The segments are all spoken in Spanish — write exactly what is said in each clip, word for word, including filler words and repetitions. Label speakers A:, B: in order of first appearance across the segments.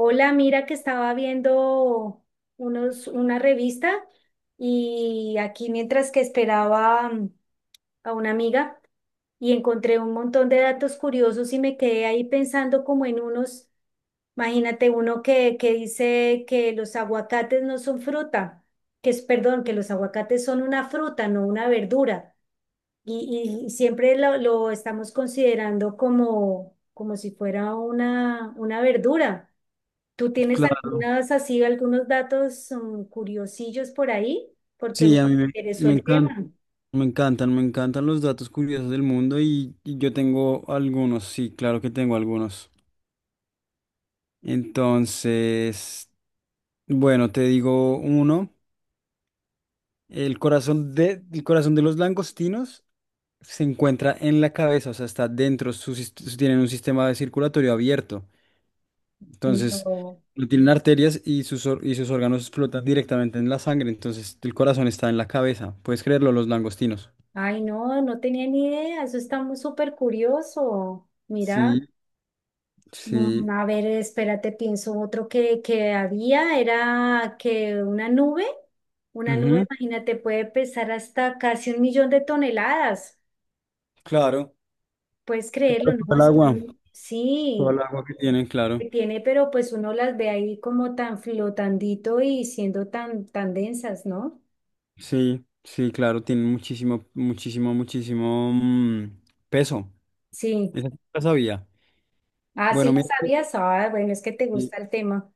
A: Hola, mira que estaba viendo unos, una revista y aquí mientras que esperaba mm, a una amiga y encontré un montón de datos curiosos y me quedé ahí pensando como en unos, imagínate uno que, que dice que los aguacates no son fruta, que es, perdón, que los aguacates son una fruta, no una verdura. Y, y siempre lo, lo estamos considerando como, como si fuera una, una verdura. ¿Tú tienes
B: Claro,
A: algunas así, algunos datos mm, curiosillos por ahí? Porque
B: sí,
A: me
B: a mí me,
A: interesó
B: me
A: el tema.
B: encantan, me encantan, me encantan los datos curiosos del mundo y, y yo tengo algunos, sí, claro que tengo algunos. Entonces, bueno, te digo uno, el corazón de, el corazón de los langostinos se encuentra en la cabeza, o sea, está dentro, su sist- tienen un sistema de circulatorio abierto. Entonces,
A: No,
B: no tienen arterias y sus, or- y sus órganos flotan directamente en la sangre, entonces el corazón está en la cabeza, puedes creerlo, los langostinos.
A: ay, no, no tenía ni idea. Eso está muy súper curioso. Mira,
B: Sí, sí.
A: mm, a ver, espérate, pienso otro que, que había, era que una nube, una nube,
B: Ujú.
A: imagínate, puede pesar hasta casi un millón de toneladas.
B: Claro,
A: Puedes creerlo,
B: claro, todo
A: ¿no?
B: el
A: Es-
B: agua, todo el
A: Sí.
B: agua que tienen, claro.
A: Que tiene, pero pues uno las ve ahí como tan flotandito y siendo tan, tan densas, ¿no?
B: Sí, sí, claro, tienen muchísimo, muchísimo, muchísimo mm, peso.
A: Sí.
B: Esa sí la sabía.
A: Ah, sí
B: Bueno,
A: las
B: mira, que
A: sabías. Ah, bueno, es que te
B: sí,
A: gusta el tema.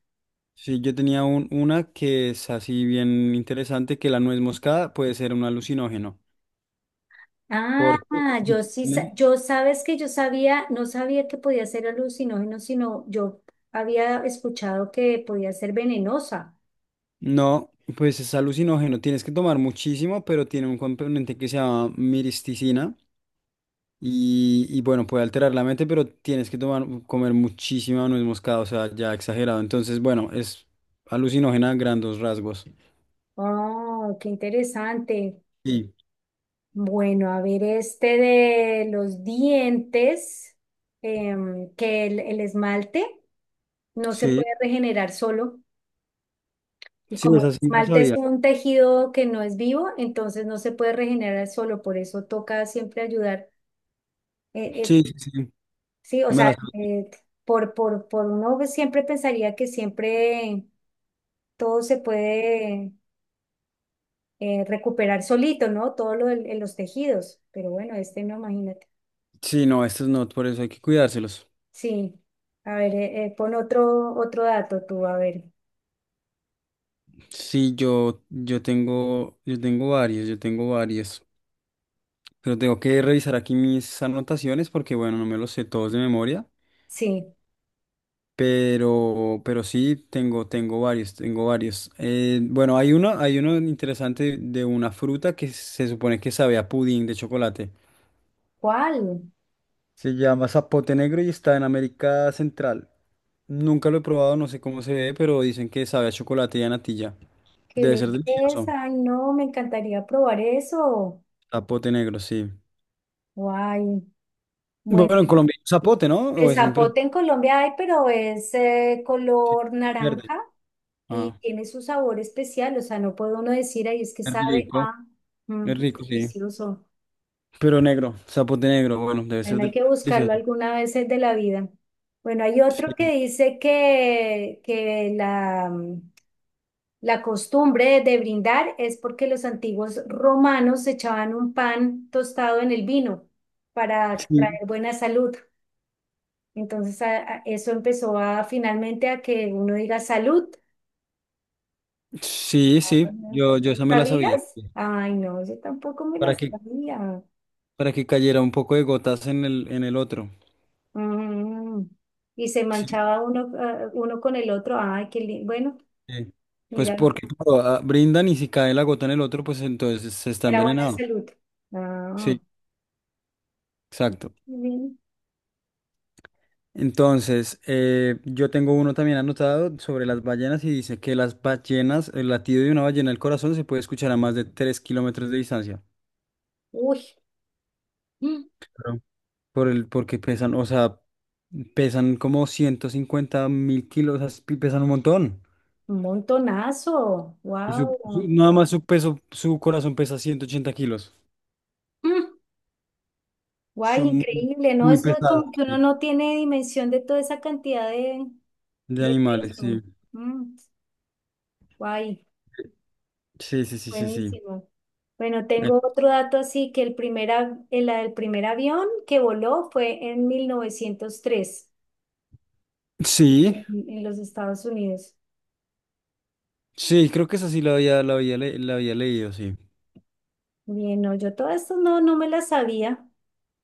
B: sí, yo tenía un- una que es así bien interesante, que la nuez moscada puede ser un alucinógeno. Porque
A: Ah, yo sí, sa-
B: contiene-
A: yo sabes que yo sabía, no sabía que podía ser alucinógeno, sino yo había escuchado que podía ser venenosa.
B: no, pues es alucinógeno, tienes que tomar muchísimo, pero tiene un componente que se llama miristicina. Y, y bueno, puede alterar la mente, pero tienes que tomar, comer muchísima nuez moscada, o sea, ya exagerado. Entonces, bueno, es alucinógena a grandes rasgos.
A: Oh, qué interesante.
B: Sí,
A: Bueno, a ver, este de los dientes, em, que el el esmalte no se
B: sí,
A: puede regenerar solo. Y
B: sí,
A: como
B: esa
A: el
B: sí me la
A: esmalte es
B: sabía.
A: un tejido que no es vivo, entonces no se puede regenerar solo, por eso toca siempre ayudar. eh, eh,
B: Sí, sí, sí,
A: sí, o
B: me
A: sea,
B: la sabía.
A: eh, por, por, por uno siempre pensaría que siempre todo se puede eh, recuperar solito, ¿no? Todo lo del- en los tejidos, pero bueno, este no, imagínate.
B: Sí, no, estos no, por eso hay que cuidárselos.
A: Sí, a ver, eh, eh, pon otro, otro dato tú, a ver.
B: Sí, yo, yo tengo, yo tengo varios, yo tengo varios. Pero tengo que revisar aquí mis anotaciones porque, bueno, no me los sé todos de memoria.
A: Sí,
B: Pero, pero sí, tengo, tengo varios, tengo varios. Eh, bueno, hay uno, hay uno interesante de una fruta que se supone que sabe a pudín de chocolate.
A: ¿cuál?
B: Se llama zapote negro y está en América Central. Nunca lo he probado, no sé cómo se ve, pero dicen que sabe a chocolate y a natilla.
A: ¡Qué
B: Debe ser delicioso.
A: belleza! Ay, no, me encantaría probar eso.
B: Zapote negro, sí.
A: Guay. Bueno.
B: Bueno, en Colombia hay un zapote, ¿no?
A: El
B: O es mi impresión.
A: zapote en Colombia hay, pero es eh,
B: Sí,
A: color
B: verde.
A: naranja y
B: Ah,
A: tiene su sabor especial. O sea, no puede uno decir, ahí es que
B: es
A: sabe
B: rico,
A: a. Mm,
B: es
A: está
B: rico, sí.
A: delicioso.
B: Pero negro, zapote negro, bueno, debe ser
A: Bueno, hay
B: del-
A: que buscarlo
B: delicioso.
A: alguna vez de la vida. Bueno, hay otro que
B: Sí,
A: dice que, que la, mm, la costumbre de brindar es porque los antiguos romanos echaban un pan tostado en el vino para
B: sí.
A: traer buena salud. Entonces a- a- eso empezó a finalmente a que uno diga salud.
B: Sí, sí, yo, yo esa me la sabía,
A: ¿Sabías?
B: sí.
A: Ay, no, yo tampoco me
B: Para
A: las
B: que,
A: sabía.
B: para que cayera un poco de gotas en el, en el otro.
A: Mm. Y se
B: Sí.
A: manchaba uno, ah, uno con el otro. Ay, qué lindo. Bueno,
B: Sí. Pues
A: mira,
B: porque claro, ah, brindan y si cae la gota en el otro, pues entonces se está
A: era buena
B: envenenado.
A: salud. Ah,
B: Sí, exacto.
A: bien.
B: Entonces, eh, yo tengo uno también anotado sobre las ballenas y dice que las ballenas, el latido de una ballena al corazón se puede escuchar a más de tres kilómetros de distancia.
A: Uy, mm,
B: Claro. Por el, porque pesan, o sea, pesan como ciento cincuenta mil kilos, o sea, pesan un montón.
A: un montonazo.
B: Y su, su-
A: Wow.
B: nada más su peso, su corazón pesa ciento ochenta kilos.
A: Guay,
B: Son muy,
A: increíble, ¿no?
B: muy
A: Eso es
B: pesadas,
A: como que uno
B: sí,
A: no tiene dimensión de toda esa cantidad de,
B: de
A: de
B: animales, sí.
A: peso. Mm, guay.
B: Sí, sí, sí, sí, sí.
A: Buenísimo. Bueno,
B: Eh,
A: tengo otro dato así que el primer, av- el, el primer avión que voló fue en mil novecientos tres
B: Sí,
A: en, en los Estados Unidos.
B: sí, creo que esa sí la había, la había, le- la había leído, sí.
A: Bien, no, yo todo esto no, no me la sabía.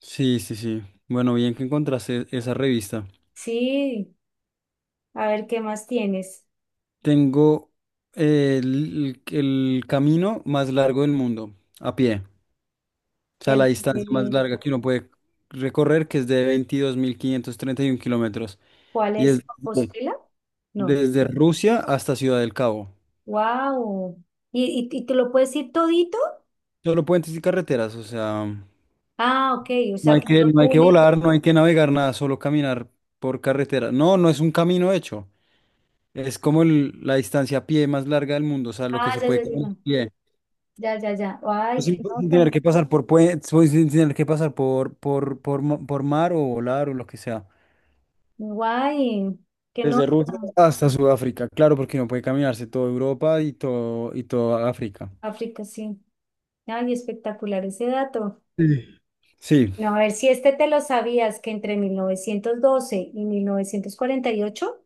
B: Sí, sí, sí. Bueno, bien que encontraste esa revista.
A: Sí, a ver qué más tienes.
B: Tengo eh, el, el camino más largo del mundo, a pie. O sea, la
A: El,
B: distancia más
A: de-
B: larga que uno puede recorrer, que es de veintidós mil quinientos treinta y uno kilómetros.
A: ¿Cuál
B: Y es...
A: es Compostela? No.
B: Desde Rusia hasta Ciudad del Cabo.
A: Wow. ¿Y, y, y te lo puedes ir todito?
B: Solo puentes y carreteras, o sea,
A: Ah, ok, o
B: no
A: sea
B: hay
A: que
B: que,
A: todo
B: no hay que
A: une.
B: volar, no hay que navegar nada, solo caminar por carretera. No, no es un camino hecho. Es como el- la distancia a pie más larga del mundo, o sea, lo que
A: Ah,
B: se
A: ya,
B: puede
A: ya, ya,
B: caminar
A: no.
B: a pie.
A: Ya, ya, ya.
B: Pues
A: Ay, qué
B: Sin, sin tener
A: nota.
B: que pasar por puentes, sin tener que pasar por, por, por, mo- por mar o volar o lo que sea.
A: Guay, qué
B: Desde Rusia
A: nota.
B: hasta Sudáfrica, claro, porque no puede caminarse toda Europa y todo, y toda África.
A: África, sí. Ay, espectacular ese dato.
B: Sí. Sí,
A: No, a ver si este te lo sabías, que entre mil novecientos doce y mil novecientos cuarenta y ocho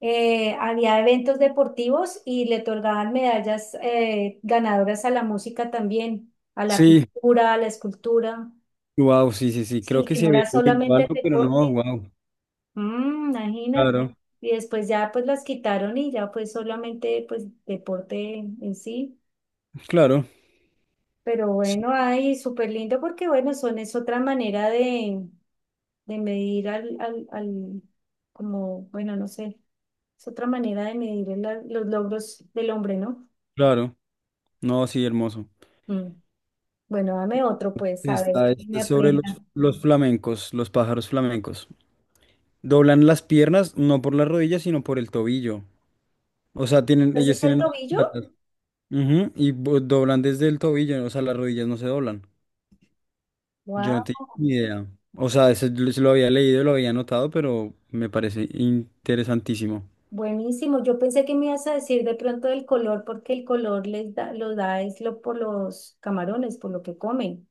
A: eh, había eventos deportivos y le otorgaban medallas eh, ganadoras a la música también, a la
B: sí.
A: pintura, a la escultura.
B: Wow, sí, sí, sí, creo
A: Sí,
B: que
A: que
B: sí
A: no
B: había
A: era
B: leído
A: solamente el
B: algo, pero no,
A: deporte.
B: wow.
A: Mm, imagínate.
B: Claro,
A: Y después ya pues las quitaron y ya pues solamente pues deporte en sí.
B: claro,
A: Pero
B: sí,
A: bueno, ay, súper lindo porque bueno, son es otra manera de, de medir al, al, al, como, bueno, no sé, es otra manera de medir el- los logros del hombre, ¿no?
B: claro. No, sí, hermoso.
A: Mm. Bueno, dame otro, pues, a ver
B: Está,
A: que
B: está
A: me
B: sobre los,
A: aprenda.
B: los flamencos, los pájaros flamencos. Doblan las piernas, no por las rodillas, sino por el tobillo. O sea, tienen, ellos
A: Entonces, el
B: tienen las
A: tobillo,
B: patas. Ujú, y bo- doblan desde el tobillo, o sea, las rodillas no se doblan. Yo no
A: wow,
B: tenía ni idea. O sea, eso lo lo había leído, lo había notado, pero me parece interesantísimo.
A: buenísimo. Yo pensé que me ibas a decir de pronto el color, porque el color les da, lo da es lo por los camarones, por lo que comen.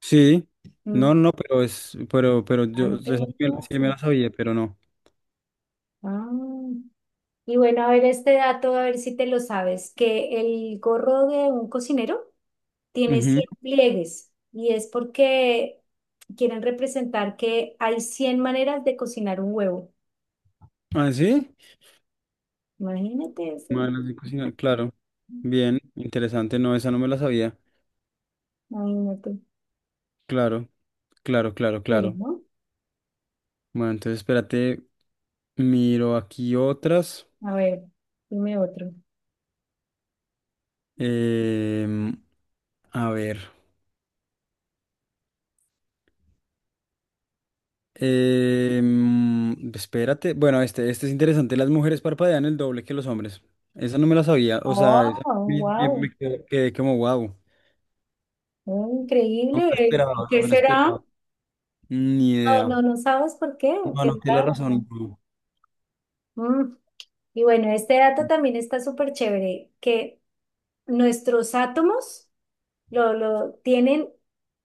B: Sí,
A: Mm.
B: no, no, pero es, pero, pero
A: Ah,
B: yo,
A: no
B: o sea, sí
A: tenía idea.
B: me sí me la sabía, pero no.
A: Ah. Y bueno, a ver este dato, a ver si te lo sabes, que el gorro de un cocinero tiene
B: Ujú.
A: cien pliegues y es porque quieren representar que hay cien maneras de cocinar un huevo.
B: ¿Ah, sí?
A: Imagínate eso,
B: Manos de cocina, claro. Bien, interesante, no, esa no me la sabía.
A: imagínate.
B: Claro, claro, claro,
A: Pero,
B: claro.
A: ¿no?
B: Bueno, entonces espérate, miro aquí otras.
A: A ver, dime otro.
B: Em, a ver. Em, espérate, bueno, este, este es interesante. Las mujeres parpadean el doble que los hombres. Esa no me la sabía, o sea, esa
A: Oh,
B: me, me-
A: wow,
B: me quedé quedé como wow. No me la
A: increíble.
B: esperaba,
A: ¿Por qué
B: no me la esperaba.
A: será?
B: Ni
A: No,
B: idea.
A: no, no sabes por qué,
B: Bueno,
A: qué
B: tiene
A: raro.
B: razón, no.
A: Mm. Y bueno, este dato también está súper chévere, que nuestros átomos lo, lo tienen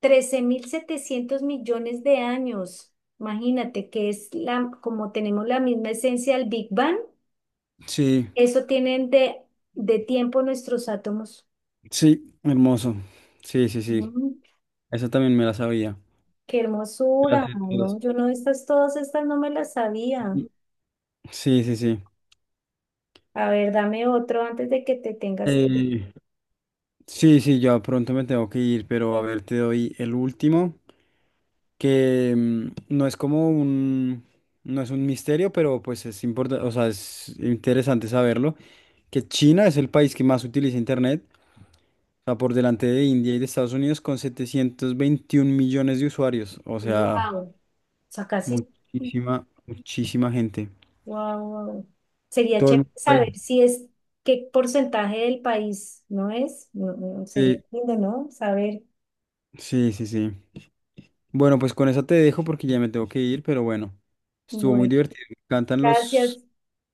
A: trece mil setecientos millones de años. Imagínate que es la, como tenemos la misma esencia del Big Bang,
B: Sí,
A: eso tienen de, de, tiempo nuestros átomos.
B: sí, hermoso. Sí, sí, sí.
A: Mm,
B: Esa también me la sabía.
A: qué
B: Me la
A: hermosura,
B: sé todas.
A: ¿no? Yo no, estas, todas estas no me las sabía.
B: Sí, sí, sí.
A: A ver, dame otro antes de que te tengas que ir.
B: Eh, sí, sí, ya pronto me tengo que ir, pero a ver, te doy el último, que mm, no es como un, no es un misterio, pero pues es importante, o sea, es interesante saberlo, que China es el país que más utiliza Internet, o sea, por delante de India y de Estados Unidos con setecientos veintiún millones de usuarios, o sea,
A: Wow, o sea, casi.
B: muchísima, muchísima gente.
A: Wow. Sería
B: Todo el
A: chévere
B: mundo está
A: saber
B: ahí.
A: si es qué porcentaje del país no es. No, no, sería
B: Sí,
A: lindo, ¿no? Saber.
B: sí, sí, sí. Bueno, pues con esa te dejo porque ya me tengo que ir, pero bueno, estuvo muy
A: Bueno,
B: divertido. Me encantan los,
A: gracias.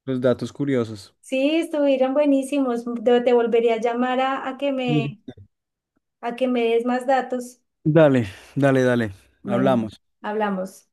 B: los datos curiosos.
A: Sí, estuvieron buenísimos. Te, te volvería a llamar a, a que
B: Sí.
A: me, a que me des más datos.
B: Dale, dale, dale.
A: Bueno,
B: Hablamos.
A: hablamos.